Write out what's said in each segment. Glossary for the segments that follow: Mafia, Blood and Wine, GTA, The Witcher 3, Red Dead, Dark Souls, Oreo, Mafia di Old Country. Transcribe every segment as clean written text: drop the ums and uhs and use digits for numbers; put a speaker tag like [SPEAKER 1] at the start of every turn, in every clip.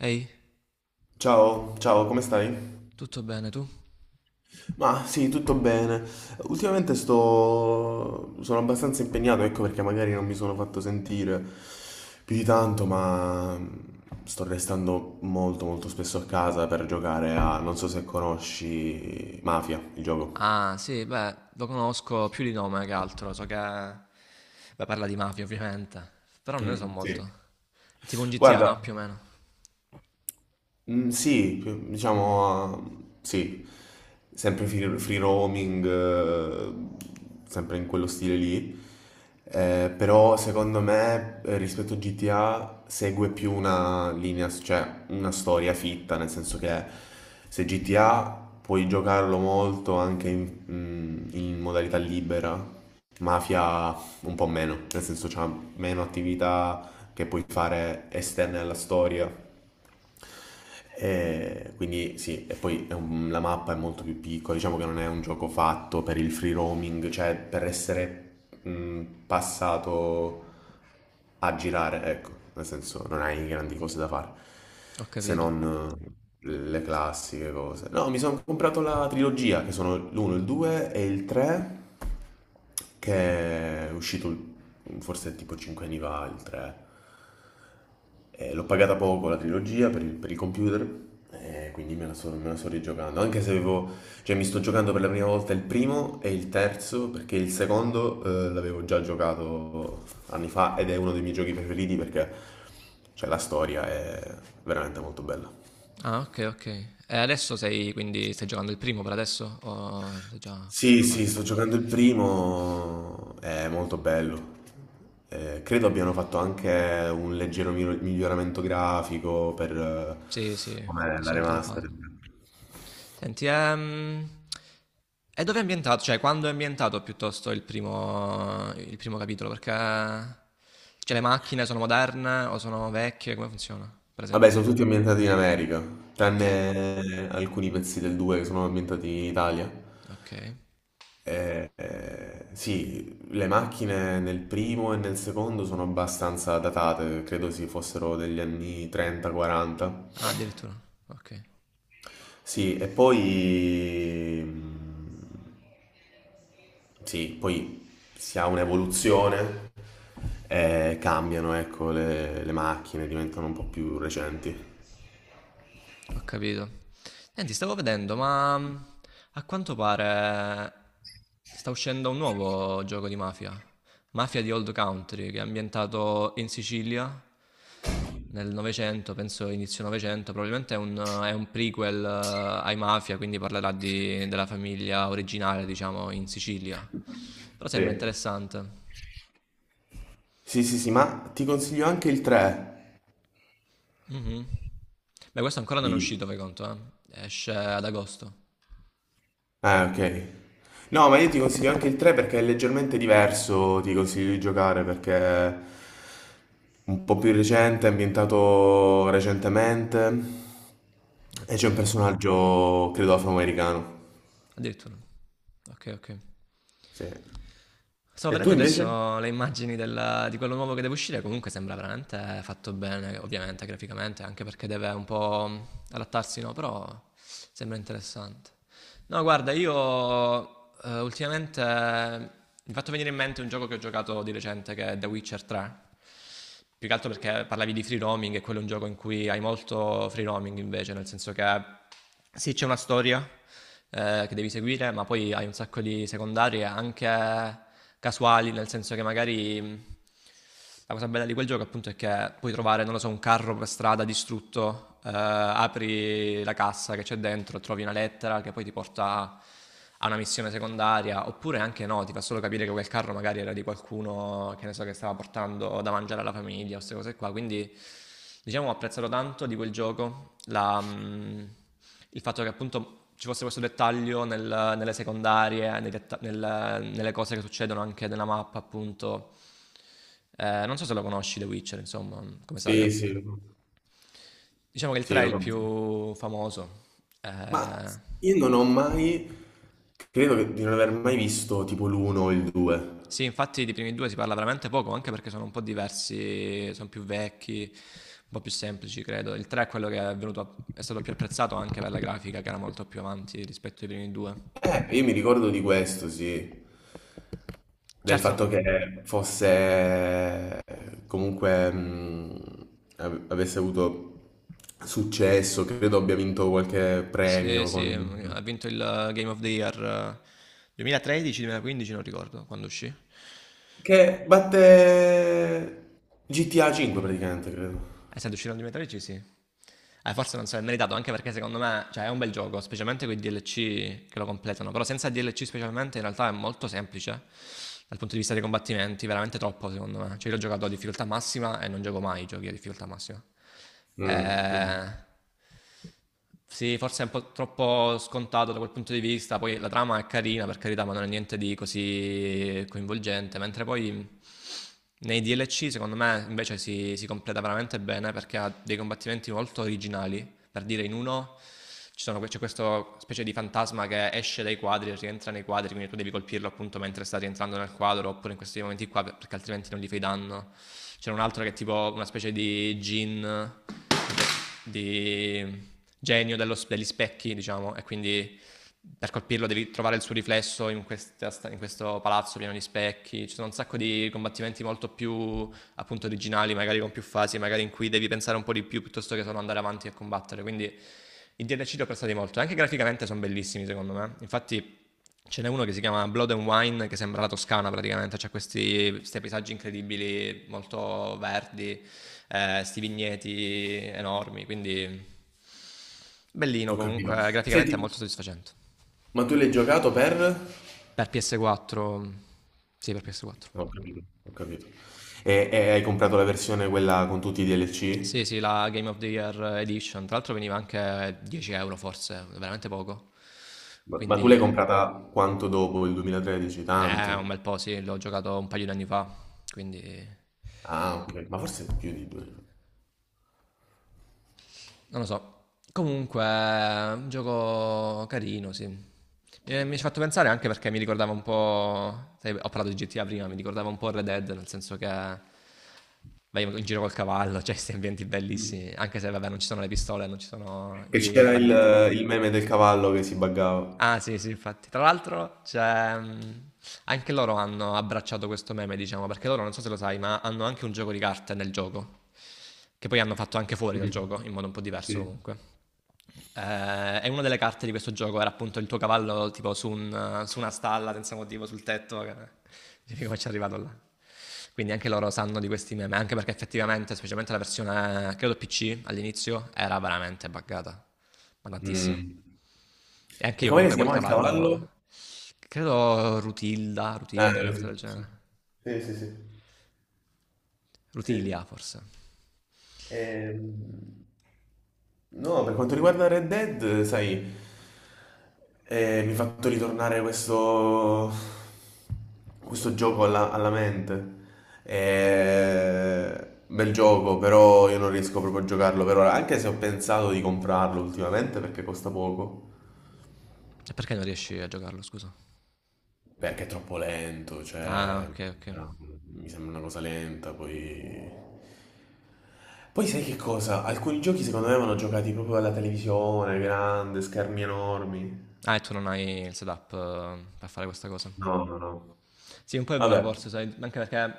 [SPEAKER 1] Ehi,
[SPEAKER 2] Ciao, ciao, come stai?
[SPEAKER 1] tutto bene tu?
[SPEAKER 2] Ma sì, tutto bene. Ultimamente sono abbastanza impegnato, ecco perché magari non mi sono fatto sentire più di tanto, ma sto restando molto molto spesso a casa per giocare a, non so se conosci, Mafia, il gioco.
[SPEAKER 1] Ah, sì, beh, lo conosco più di nome che altro, so che. Beh, parla di mafia ovviamente, però non ne so
[SPEAKER 2] Mm, sì.
[SPEAKER 1] molto. È tipo un GTA,
[SPEAKER 2] Guarda,
[SPEAKER 1] no? Più o meno.
[SPEAKER 2] mm, sì, diciamo, sì, sempre free roaming, sempre in quello stile lì. Però secondo me rispetto a GTA segue più una linea, cioè una storia fitta, nel senso che se GTA puoi giocarlo molto anche in modalità libera. Mafia un po' meno, nel senso c'ha meno attività che puoi fare esterne alla storia. E quindi sì, e poi la mappa è molto più piccola, diciamo che non è un gioco fatto per il free roaming, cioè per essere mh, passato a girare, ecco, nel senso non hai grandi cose da fare,
[SPEAKER 1] Ho
[SPEAKER 2] se
[SPEAKER 1] capito.
[SPEAKER 2] non le classiche cose. No, mi sono comprato la trilogia, che sono l'1, il 2 e il 3, che è uscito forse tipo 5 anni fa, il 3. L'ho pagata poco la trilogia per il computer, quindi me la sto rigiocando. Anche se avevo, cioè, mi sto giocando per la prima volta il primo e il terzo, perché il secondo l'avevo già giocato anni fa ed è uno dei miei giochi preferiti perché cioè, la storia è veramente molto bella.
[SPEAKER 1] Ah, ok, ok. E adesso sei, quindi stai giocando il primo per adesso? O sei già
[SPEAKER 2] Sì, sì,
[SPEAKER 1] avanti?
[SPEAKER 2] sto giocando il primo, è molto bello. Credo abbiano fatto anche un leggero miglioramento grafico per
[SPEAKER 1] Sì, sì,
[SPEAKER 2] come
[SPEAKER 1] di
[SPEAKER 2] la
[SPEAKER 1] solito lo
[SPEAKER 2] remastered.
[SPEAKER 1] fanno. Senti, e dove è ambientato? Cioè, quando è ambientato piuttosto il primo capitolo? Perché cioè, le macchine sono moderne o sono vecchie? Come funziona, per
[SPEAKER 2] Vabbè,
[SPEAKER 1] esempio?
[SPEAKER 2] sono tutti ambientati in America,
[SPEAKER 1] Ok,
[SPEAKER 2] tranne alcuni pezzi del 2 che sono ambientati in Italia.
[SPEAKER 1] ok.
[SPEAKER 2] Sì, le macchine nel primo e nel secondo sono abbastanza datate, credo si fossero degli anni 30-40.
[SPEAKER 1] Ah, addirittura, ok.
[SPEAKER 2] Sì, e poi... sì, poi si ha un'evoluzione, cambiano, ecco, le macchine diventano un po' più recenti.
[SPEAKER 1] Ho capito. Senti, stavo vedendo, a quanto pare sta uscendo un nuovo gioco di mafia. Mafia di Old Country, che è ambientato in Sicilia nel Novecento, penso inizio Novecento. Probabilmente è un prequel ai Mafia, quindi parlerà della famiglia originale, diciamo, in Sicilia. Però sembra
[SPEAKER 2] Sì.
[SPEAKER 1] interessante.
[SPEAKER 2] Sì, sì, sì, ma ti consiglio anche il 3
[SPEAKER 1] Mhm. Beh, questo ancora non
[SPEAKER 2] di
[SPEAKER 1] è uscito, fai conto, eh. Esce ad agosto.
[SPEAKER 2] eh, ok. No, ma io ti consiglio anche il 3 perché è leggermente diverso, ti consiglio di giocare perché è un po' più recente, è ambientato recentemente e
[SPEAKER 1] Ok.
[SPEAKER 2] c'è un personaggio, credo, afroamericano.
[SPEAKER 1] Addirittura. Ok, ok.
[SPEAKER 2] Sì.
[SPEAKER 1] Sto
[SPEAKER 2] E tu
[SPEAKER 1] vedendo
[SPEAKER 2] invece?
[SPEAKER 1] adesso le immagini di quello nuovo che deve uscire, comunque sembra veramente fatto bene, ovviamente graficamente, anche perché deve un po' adattarsi, no? Però sembra interessante. No, guarda, io ultimamente mi è fatto venire in mente un gioco che ho giocato di recente che è The Witcher 3, più che altro perché parlavi di free roaming e quello è un gioco in cui hai molto free roaming invece, nel senso che sì, c'è una storia che devi seguire, ma poi hai un sacco di secondarie anche casuali, nel senso che magari la cosa bella di quel gioco appunto è che puoi trovare, non lo so, un carro per strada distrutto, apri la cassa che c'è dentro, trovi una lettera che poi ti porta ha una missione secondaria, oppure anche no, ti fa solo capire che quel carro magari era di qualcuno che ne so che stava portando da mangiare alla famiglia o queste cose qua. Quindi diciamo ho apprezzato tanto di quel gioco il fatto che appunto ci fosse questo dettaglio nelle secondarie, nei nelle cose che succedono anche nella mappa, appunto. Non so se lo conosci The Witcher, insomma, come saga.
[SPEAKER 2] Sì, sì, lo conosco.
[SPEAKER 1] Diciamo che il
[SPEAKER 2] Sì,
[SPEAKER 1] 3 è
[SPEAKER 2] lo
[SPEAKER 1] il
[SPEAKER 2] conosco.
[SPEAKER 1] più famoso. Eh,
[SPEAKER 2] Ma io non ho mai, di non aver mai visto tipo l'1 o il 2.
[SPEAKER 1] Sì, infatti dei primi due si parla veramente poco, anche perché sono un po' diversi, sono più vecchi, un po' più semplici, credo. Il 3 è quello che è stato più apprezzato anche per la grafica, che era molto più avanti rispetto ai primi due.
[SPEAKER 2] Io mi ricordo di questo, sì. Del
[SPEAKER 1] Certo,
[SPEAKER 2] fatto che fosse comunque avesse avuto successo, credo abbia vinto qualche
[SPEAKER 1] sì,
[SPEAKER 2] premio
[SPEAKER 1] sì,
[SPEAKER 2] con il gioco.
[SPEAKER 1] ha vinto il Game of the Year 2013-2015, non ricordo quando uscì.
[SPEAKER 2] Che batte GTA 5 praticamente, credo.
[SPEAKER 1] Essendo uscito all'alimentare sì. Forse non so, è meritato anche perché secondo me cioè, è un bel gioco, specialmente quei DLC che lo completano. Però senza DLC specialmente in realtà è molto semplice dal punto di vista dei combattimenti, veramente troppo secondo me. Cioè io l'ho giocato a difficoltà massima e non gioco mai i giochi a difficoltà massima.
[SPEAKER 2] Mm, mm,
[SPEAKER 1] Eh, sì, forse è un po' troppo scontato da quel punto di vista. Poi la trama è carina, per carità, ma non è niente di così coinvolgente. Mentre poi nei DLC, secondo me, invece si completa veramente bene perché ha dei combattimenti molto originali, per dire in uno c'è questa specie di fantasma che esce dai quadri e rientra nei quadri, quindi tu devi colpirlo appunto mentre sta rientrando nel quadro, oppure in questi momenti qua, perché altrimenti non gli fai danno. C'era un altro che è tipo una specie di genio degli specchi, diciamo, e quindi per colpirlo devi trovare il suo riflesso in questo palazzo pieno di specchi. Ci sono un sacco di combattimenti molto più appunto originali, magari con più fasi, magari in cui devi pensare un po' di più piuttosto che solo andare avanti e combattere. Quindi i DLC li ho apprezzati molto. Anche graficamente sono bellissimi, secondo me. Infatti, ce n'è uno che si chiama Blood and Wine, che sembra la Toscana praticamente. C'ha questi paesaggi incredibili, molto verdi, questi sti vigneti enormi. Quindi, bellino
[SPEAKER 2] ho
[SPEAKER 1] comunque.
[SPEAKER 2] capito.
[SPEAKER 1] Graficamente
[SPEAKER 2] Senti,
[SPEAKER 1] è molto soddisfacente.
[SPEAKER 2] ma tu l'hai giocato per? No,
[SPEAKER 1] Per PS4, sì, per PS4.
[SPEAKER 2] ho capito, ho capito. E hai comprato la versione quella con tutti i
[SPEAKER 1] Sì,
[SPEAKER 2] DLC?
[SPEAKER 1] sì, la Game of the Year Edition. Tra l'altro veniva anche 10 euro forse, veramente poco.
[SPEAKER 2] Ma tu l'hai
[SPEAKER 1] Quindi,
[SPEAKER 2] comprata quanto dopo il 2013?
[SPEAKER 1] un
[SPEAKER 2] Tanto.
[SPEAKER 1] bel po', sì, l'ho giocato un paio di anni fa, quindi
[SPEAKER 2] Ah, ok, ma forse più di due anni fa.
[SPEAKER 1] non lo so. Comunque, un gioco carino, sì. Mi ci ha fatto pensare anche perché mi ricordava un po', sai, ho parlato di GTA prima, mi ricordava un po' Red Dead, nel senso che vai in giro col cavallo, cioè questi ambienti
[SPEAKER 2] Mm.
[SPEAKER 1] bellissimi, anche se vabbè non ci sono le pistole, non ci sono
[SPEAKER 2] Che
[SPEAKER 1] i
[SPEAKER 2] c'era
[SPEAKER 1] banditi.
[SPEAKER 2] il meme del cavallo che si buggava.
[SPEAKER 1] Ah sì, sì, infatti. Tra l'altro, anche loro hanno abbracciato questo meme, diciamo, perché loro, non so se lo sai, ma hanno anche un gioco di carte nel gioco, che poi hanno fatto anche fuori dal
[SPEAKER 2] Mm.
[SPEAKER 1] gioco, in modo un po' diverso
[SPEAKER 2] Sì.
[SPEAKER 1] comunque. E una delle carte di questo gioco era appunto il tuo cavallo tipo su una stalla senza motivo, sul tetto, che dici: "Come c'è arrivato là?" Quindi anche loro sanno di questi meme, anche perché effettivamente, specialmente la versione credo PC all'inizio, era veramente buggata, ma tantissimo.
[SPEAKER 2] Mm.
[SPEAKER 1] E anche
[SPEAKER 2] E
[SPEAKER 1] io
[SPEAKER 2] com'è che
[SPEAKER 1] comunque
[SPEAKER 2] si
[SPEAKER 1] quel
[SPEAKER 2] chiamava il cavallo?
[SPEAKER 1] cavallo. Credo Rutilda, Rutilda, una cosa del
[SPEAKER 2] Sì.
[SPEAKER 1] genere.
[SPEAKER 2] Sì, sì, sì. Sì.
[SPEAKER 1] Rutilia,
[SPEAKER 2] Sì.
[SPEAKER 1] forse.
[SPEAKER 2] Ehm, No, per quanto riguarda Red Dead, sai, mi ha fatto ritornare questo gioco alla mente. Bel gioco, però io non riesco proprio a giocarlo per ora, anche se ho pensato di comprarlo ultimamente perché costa poco.
[SPEAKER 1] E perché non riesci a giocarlo, scusa?
[SPEAKER 2] Perché è troppo lento,
[SPEAKER 1] Ah,
[SPEAKER 2] cioè
[SPEAKER 1] ok, ok.
[SPEAKER 2] mi sembra una cosa lenta, poi. Poi sai che cosa? Alcuni giochi secondo me vanno giocati proprio alla televisione, grande, schermi enormi.
[SPEAKER 1] Ah, e tu non hai il setup per fare questa cosa.
[SPEAKER 2] No, no, no.
[SPEAKER 1] Sì, un po' è vero
[SPEAKER 2] Vabbè,
[SPEAKER 1] forse, sai, anche perché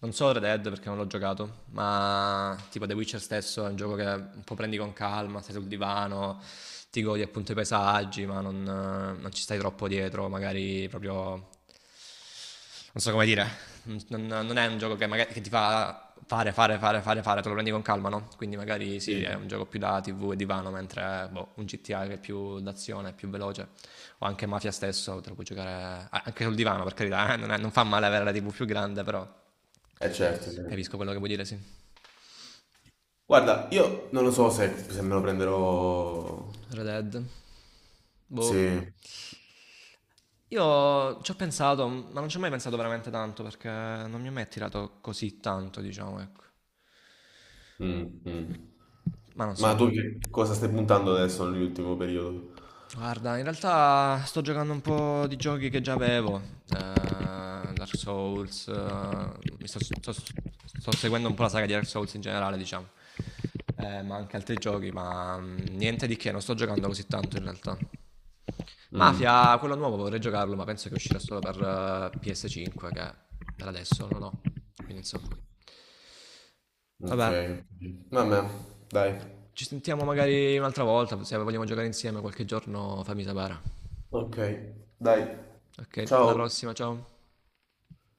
[SPEAKER 1] non so Red Dead perché non l'ho giocato, ma tipo The Witcher stesso è un gioco che un po' prendi con calma, stai sul divano, ti godi appunto i paesaggi, ma non ci stai troppo dietro, magari proprio. Non so come dire, non è un gioco che magari che ti fa fare, fare, fare, fare, fare, te lo prendi con calma, no? Quindi magari sì, è
[SPEAKER 2] sì,
[SPEAKER 1] un gioco più da TV e divano, mentre boh, un GTA che è più d'azione, è più veloce, o anche Mafia stesso, te lo puoi giocare anche sul divano, per carità, non fa male avere la TV più grande, però
[SPEAKER 2] è certo, sì.
[SPEAKER 1] capisco quello che vuoi dire, sì.
[SPEAKER 2] Guarda, io non lo so se me lo prenderò.
[SPEAKER 1] Red Dead. Boh.
[SPEAKER 2] Sì.
[SPEAKER 1] Io ci ho pensato, ma non ci ho mai pensato veramente tanto, perché non mi ha mai attirato così tanto, diciamo, ecco.
[SPEAKER 2] Mm, mm.
[SPEAKER 1] Ma non so.
[SPEAKER 2] Ma tu che cosa stai puntando adesso nell'ultimo periodo?
[SPEAKER 1] Guarda, in realtà sto giocando un po' di giochi che già avevo, Dark Souls, mi sto seguendo un po' la saga di Dark Souls in generale, diciamo. Ma anche altri giochi, niente di che, non sto giocando così tanto in realtà.
[SPEAKER 2] Mm,
[SPEAKER 1] Mafia,
[SPEAKER 2] ok,
[SPEAKER 1] quello nuovo vorrei giocarlo, ma penso che uscirà solo per PS5, che per adesso non ho, quindi insomma.
[SPEAKER 2] ok.
[SPEAKER 1] Vabbè,
[SPEAKER 2] Vabbè, dai.
[SPEAKER 1] ci sentiamo magari un'altra volta, se vogliamo giocare insieme qualche giorno fammi sapere.
[SPEAKER 2] Ok, dai,
[SPEAKER 1] Ok, alla
[SPEAKER 2] ciao.
[SPEAKER 1] prossima, ciao.